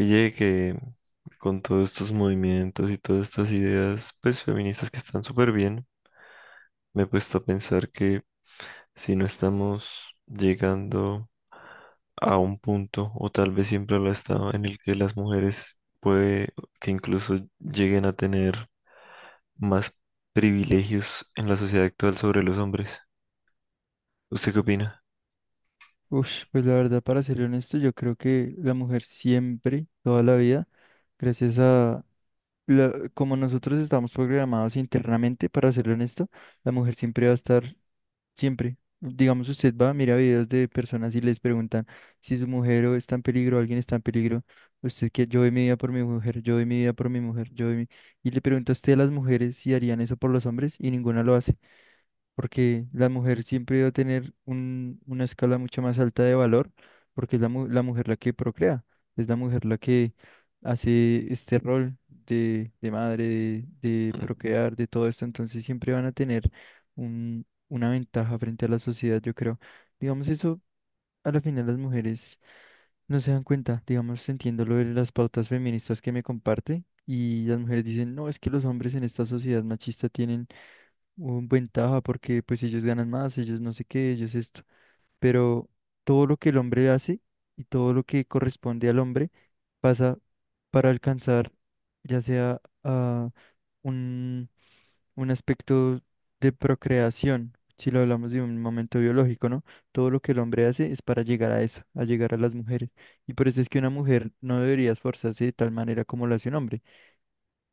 Oye, que con todos estos movimientos y todas estas ideas, pues feministas que están súper bien, me he puesto a pensar que si no estamos llegando a un punto, o tal vez siempre lo ha estado, en el que las mujeres puede que incluso lleguen a tener más privilegios en la sociedad actual sobre los hombres. ¿Usted qué opina? Ush, pues la verdad, para ser honesto, yo creo que la mujer siempre, toda la vida, gracias a como nosotros estamos programados internamente, para ser honesto, la mujer siempre va a estar, siempre. Digamos, usted va, mira videos de personas y les preguntan si su mujer o está en peligro, alguien está en peligro. Usted que yo doy mi vida por mi mujer, yo doy mi vida por mi mujer, yo doy mi... Y le pregunta a usted a las mujeres si harían eso por los hombres y ninguna lo hace porque la mujer siempre va a tener una escala mucho más alta de valor, porque es la mujer la que procrea, es la mujer la que hace este rol de madre, de Mm. procrear, de todo esto, entonces siempre van a tener una ventaja frente a la sociedad, yo creo. Digamos eso, a la final las mujeres no se dan cuenta, digamos, entiendo lo de las pautas feministas que me comparte. Y las mujeres dicen, no, es que los hombres en esta sociedad machista tienen un ventaja porque pues ellos ganan más, ellos no sé qué, ellos esto, pero todo lo que el hombre hace y todo lo que corresponde al hombre pasa para alcanzar ya sea a un, un aspecto de procreación, si lo hablamos de un momento biológico, ¿no? Todo lo que el hombre hace es para llegar a eso, a llegar a las mujeres. Y por eso es que una mujer no debería esforzarse de tal manera como lo hace un hombre,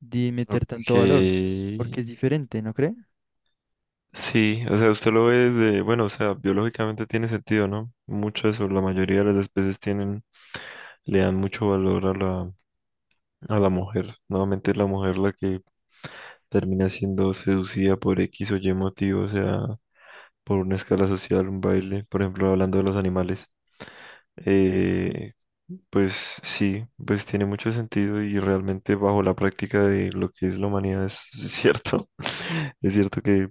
de meter Ok. tanto valor, porque es diferente, ¿no cree? Sí, o sea, usted lo ve desde, bueno, o sea, biológicamente tiene sentido, ¿no? Muchas o la mayoría de las especies tienen, le dan mucho valor a la mujer. Nuevamente es la mujer la que termina siendo seducida por X o Y motivo, o sea, por una escala social, un baile, por ejemplo, hablando de los animales. Eh, pues sí, pues tiene mucho sentido y realmente bajo la práctica de lo que es la humanidad es cierto. Es cierto que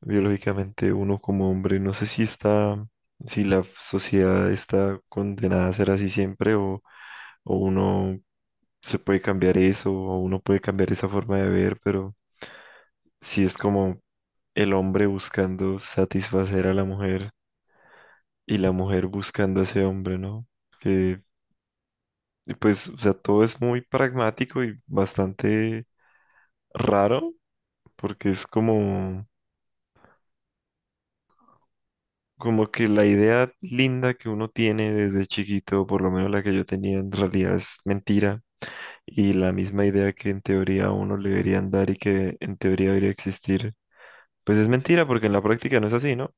biológicamente uno como hombre. No sé si está, si la sociedad está condenada a ser así siempre o uno se puede cambiar eso o uno puede cambiar esa forma de ver, pero si es como el hombre buscando satisfacer a la mujer y la mujer buscando a ese hombre, ¿no? Que y pues, o sea, todo es muy pragmático y bastante raro porque es como... Como que la idea linda que uno tiene desde chiquito, por lo menos la que yo tenía, en realidad es mentira. Y la misma idea que en teoría a uno le deberían dar y que en teoría debería existir, pues es mentira porque en la práctica no es así, ¿no?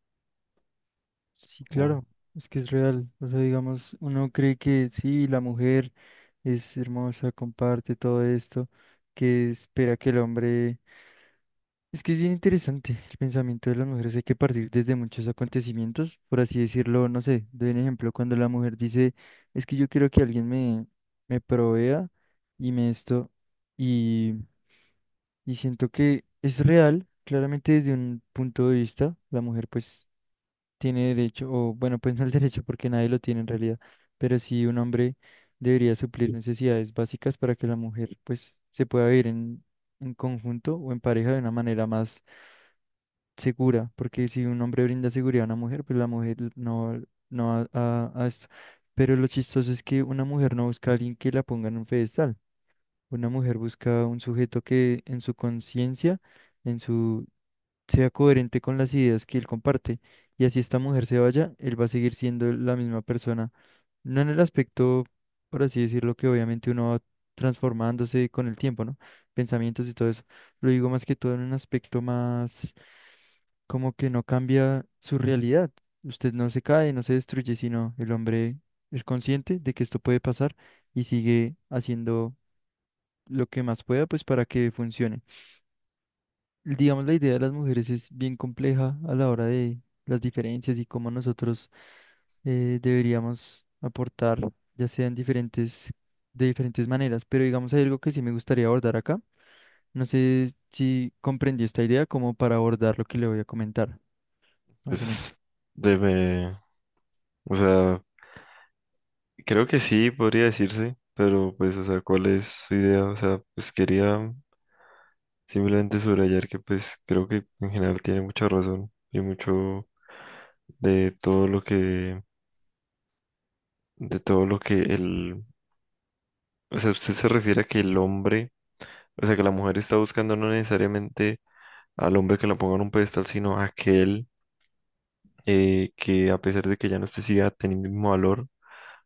Sí, O, claro, es que es real. O sea, digamos, uno cree que sí, la mujer es hermosa, comparte todo esto, que espera que el hombre... Es que es bien interesante el pensamiento de las mujeres. Hay que partir desde muchos acontecimientos, por así decirlo, no sé, doy un ejemplo, cuando la mujer dice, es que yo quiero que alguien me provea y me esto, y, y siento que es real, claramente desde un punto de vista, la mujer pues tiene derecho, o bueno, pues no el derecho porque nadie lo tiene en realidad, pero sí un hombre debería suplir necesidades básicas para que la mujer pues se pueda vivir en conjunto o en pareja de una manera más segura, porque si un hombre brinda seguridad a una mujer, pues la mujer no va a esto. Pero lo chistoso es que una mujer no busca a alguien que la ponga en un pedestal, una mujer busca un sujeto que en su conciencia, en su sea coherente con las ideas que él comparte. Y así esta mujer se vaya, él va a seguir siendo la misma persona. No en el aspecto, por así decirlo, que obviamente uno va transformándose con el tiempo, ¿no? Pensamientos y todo eso. Lo digo más que todo en un aspecto más como que no cambia su realidad. Usted no se cae, no se destruye, sino el hombre es consciente de que esto puede pasar y sigue haciendo lo que más pueda, pues para que funcione digamos, la idea de las mujeres es bien compleja a la hora de las diferencias y cómo nosotros deberíamos aportar, ya sean diferentes, de diferentes maneras. Pero digamos, hay algo que sí me gustaría abordar acá. No sé si comprendió esta idea como para abordar lo que le voy a comentar, más o menos. pues, debe, o sea, creo que sí, podría decirse, pero pues, o sea, ¿cuál es su idea? O sea, pues quería simplemente subrayar que pues creo que en general tiene mucha razón y mucho de todo lo que de todo lo que el, o sea, usted se refiere a que el hombre, o sea, que la mujer está buscando no necesariamente al hombre que la ponga en un pedestal, sino a aquel que a pesar de que ya no esté siga teniendo el mismo valor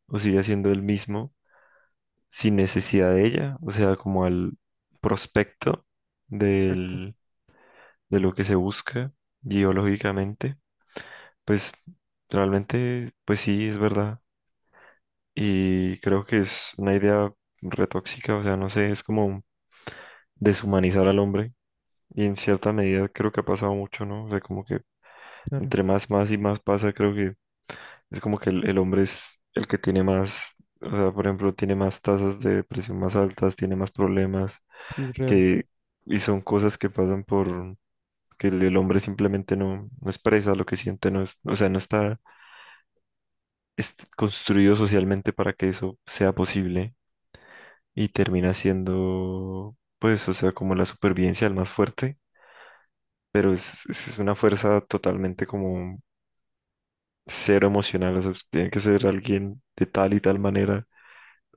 o siga siendo el mismo sin necesidad de ella, o sea, como al prospecto Exacto, del, de lo que se busca biológicamente, pues realmente, pues sí, es verdad. Y creo que es una idea retóxica, o sea, no sé, es como deshumanizar al hombre y en cierta medida creo que ha pasado mucho, ¿no? O sea, como que claro, entre más, más y más pasa, creo que es como que el hombre es el que tiene más, o sea, por ejemplo, tiene más tasas de depresión más altas, tiene más problemas, sí es real. que, y son cosas que pasan por que el hombre simplemente no expresa lo que siente, no es- o sea, no está es construido socialmente para que eso sea posible y termina siendo, pues, o sea, como la supervivencia del más fuerte. Pero es una fuerza totalmente como cero emocional, o sea, usted tiene que ser alguien de tal y tal manera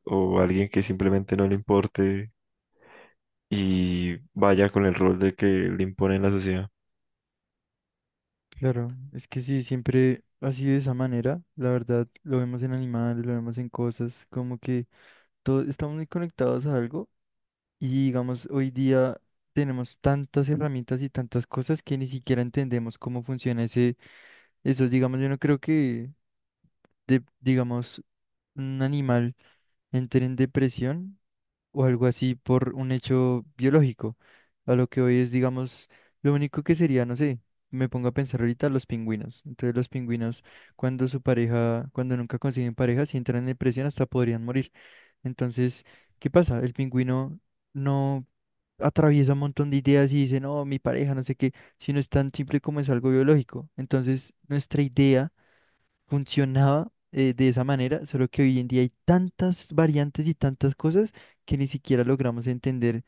o alguien que simplemente no le importe y vaya con el rol de que le impone en la sociedad. Claro, es que sí, siempre ha sido de esa manera. La verdad, lo vemos en animales, lo vemos en cosas, como que todo, estamos muy conectados a algo. Y digamos, hoy día tenemos tantas herramientas y tantas cosas que ni siquiera entendemos cómo funciona eso. Digamos, yo no creo digamos, un animal entre en depresión o algo así por un hecho biológico. A lo que hoy es, digamos, lo único que sería, no sé, me pongo a pensar ahorita los pingüinos. Entonces los pingüinos, cuando su pareja, cuando nunca consiguen pareja, si entran en depresión hasta podrían morir. Entonces, ¿qué pasa? El pingüino no atraviesa un montón de ideas y dice, no, mi pareja, no sé qué, si no es tan simple como es algo biológico. Entonces, nuestra idea funcionaba de esa manera, solo que hoy en día hay tantas variantes y tantas cosas que ni siquiera logramos entender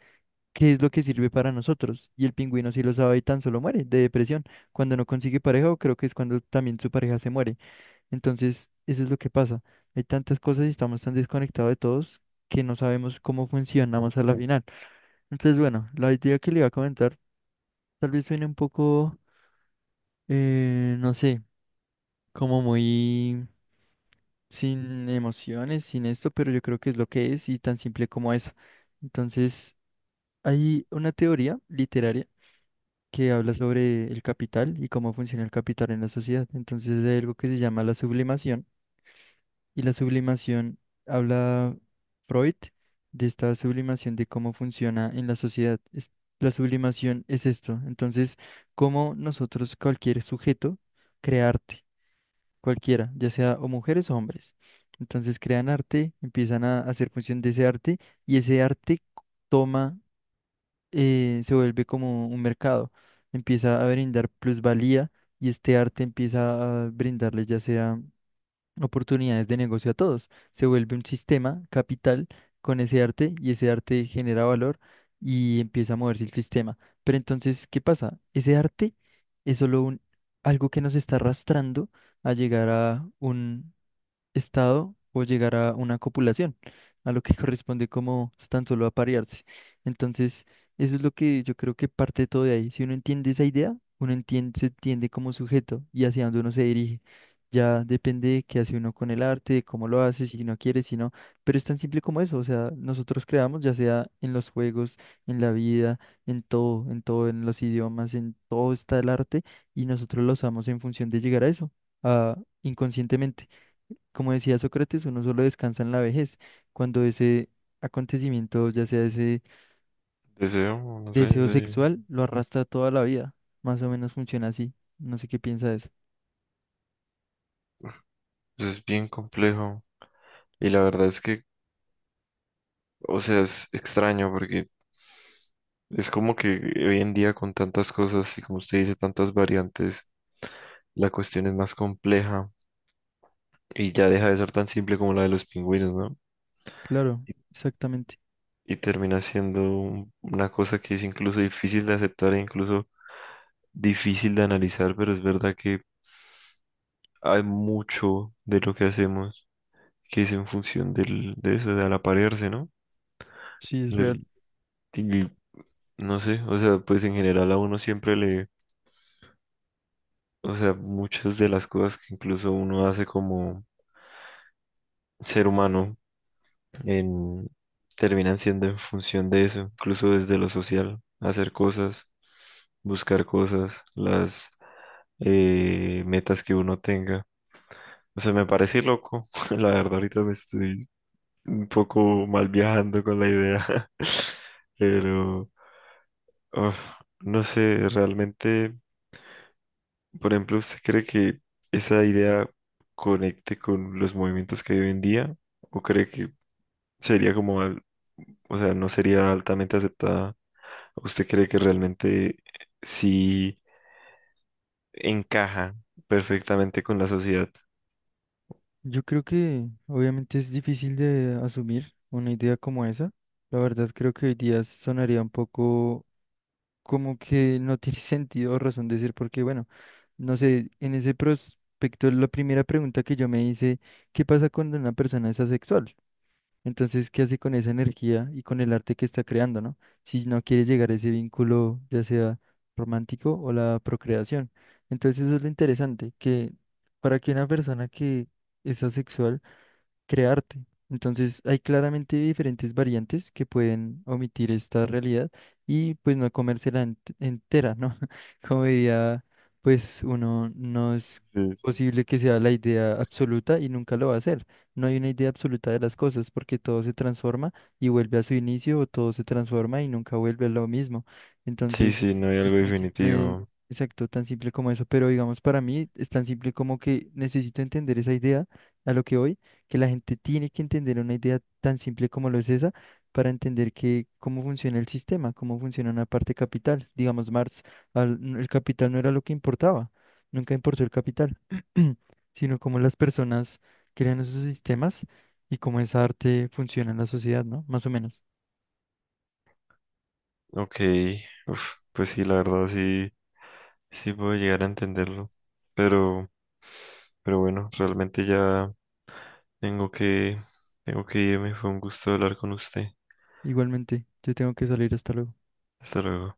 qué es lo que sirve para nosotros. Y el pingüino sí lo sabe y tan solo muere de depresión. Cuando no consigue pareja, o creo que es cuando también su pareja se muere. Entonces, eso es lo que pasa. Hay tantas cosas y estamos tan desconectados de todos que no sabemos cómo funcionamos a la final. Entonces, bueno, la idea que le iba a comentar tal vez suene un poco, no sé, como muy sin emociones, sin esto, pero yo creo que es lo que es y tan simple como eso. Entonces, hay una teoría literaria que habla sobre el capital y cómo funciona el capital en la sociedad. Entonces, hay algo que se llama la sublimación. Y la sublimación, habla Freud de esta sublimación de cómo funciona en la sociedad. La sublimación es esto. Entonces, cómo nosotros, cualquier sujeto, crea arte, cualquiera, ya sea o mujeres o hombres. Entonces, crean arte, empiezan a hacer función de ese arte y ese toma, se vuelve como un mercado. Empieza a brindar plusvalía y este arte empieza a brindarle ya sea oportunidades de negocio a todos. Se vuelve un sistema capital con ese arte y ese arte genera valor y empieza a moverse el sistema. Pero entonces, ¿qué pasa? Ese arte es solo algo que nos está arrastrando a llegar a estado o llegar a una copulación, a lo que corresponde como tan solo aparearse. Entonces, eso es lo que yo creo que parte todo de ahí. Si uno entiende esa idea, uno entiende, se entiende como sujeto y hacia dónde uno se dirige. Ya depende de qué hace uno con el arte, de cómo lo hace, si no quiere, si no. Pero es tan simple como eso. O sea, nosotros creamos, ya sea en los juegos, en la vida, en todo, en todo, en los idiomas, en todo está el arte y nosotros lo usamos en función de llegar a eso, a inconscientemente. Como decía Sócrates, uno solo descansa en la vejez, cuando ese acontecimiento, ya sea ese Deseo, no sé, deseo sí, sexual, lo arrastra toda la vida. Más o menos funciona así. No sé qué piensa de eso. pues es bien complejo y la verdad es que, o sea, es extraño porque es como que hoy en día con tantas cosas y como usted dice, tantas variantes, la cuestión es más compleja y ya deja de ser tan simple como la de los pingüinos, ¿no? Claro, exactamente. Y termina siendo un- una cosa que es incluso difícil de aceptar e incluso difícil de analizar, pero es verdad que hay mucho de lo que hacemos que es en función del, de eso, de al aparearse, ¿no? Sí, es Del, real. y no sé, o sea, pues en general a uno siempre le, o sea, muchas de las cosas que incluso uno hace como ser humano en- terminan siendo en función de eso, incluso desde lo social, hacer cosas, buscar cosas, las metas que uno tenga. O sea, me parece loco, la verdad ahorita me estoy un poco mal viajando con la idea, pero uf, no sé, realmente, por ejemplo, ¿usted cree que esa idea conecte con los movimientos que hay hoy en día? ¿O cree que sería como, al- o sea, no sería altamente aceptada? ¿Usted cree que realmente sí encaja perfectamente con la sociedad? Yo creo que obviamente es difícil de asumir una idea como esa. La verdad creo que hoy día sonaría un poco como que no tiene sentido o razón decir porque, bueno, no sé, en ese prospecto la primera pregunta que yo me hice, ¿qué pasa cuando una persona es asexual? Entonces, ¿qué hace con esa energía y con el arte que está creando, ¿no? Si no quiere llegar a ese vínculo, ya sea romántico o la procreación. Entonces, eso es lo interesante, que para que una persona que es asexual, crearte. Entonces, hay claramente diferentes variantes que pueden omitir esta realidad y pues no comérsela entera, ¿no? Como diría, pues uno no es Sí, posible que sea la idea absoluta y nunca lo va a hacer. No hay una idea absoluta de las cosas porque todo se transforma y vuelve a su inicio o todo se transforma y nunca vuelve a lo mismo. sí, Entonces, sí, no hay es algo tan simple, definitivo. exacto, tan simple como eso, pero digamos para mí es tan simple como que necesito entender esa idea a lo que voy que la gente tiene que entender una idea tan simple como lo es esa para entender que cómo funciona el sistema, cómo funciona una parte capital. Digamos, Marx, el capital no era lo que importaba, nunca importó el capital, sino cómo las personas crean esos sistemas y cómo esa arte funciona en la sociedad, ¿no? Más o menos. Ok, uf, pues sí, la verdad sí, sí puedo llegar a entenderlo. Pero, pero bueno, realmente ya tengo que, tengo que irme. Fue un gusto hablar con usted. Igualmente, yo tengo que salir hasta luego. Hasta luego.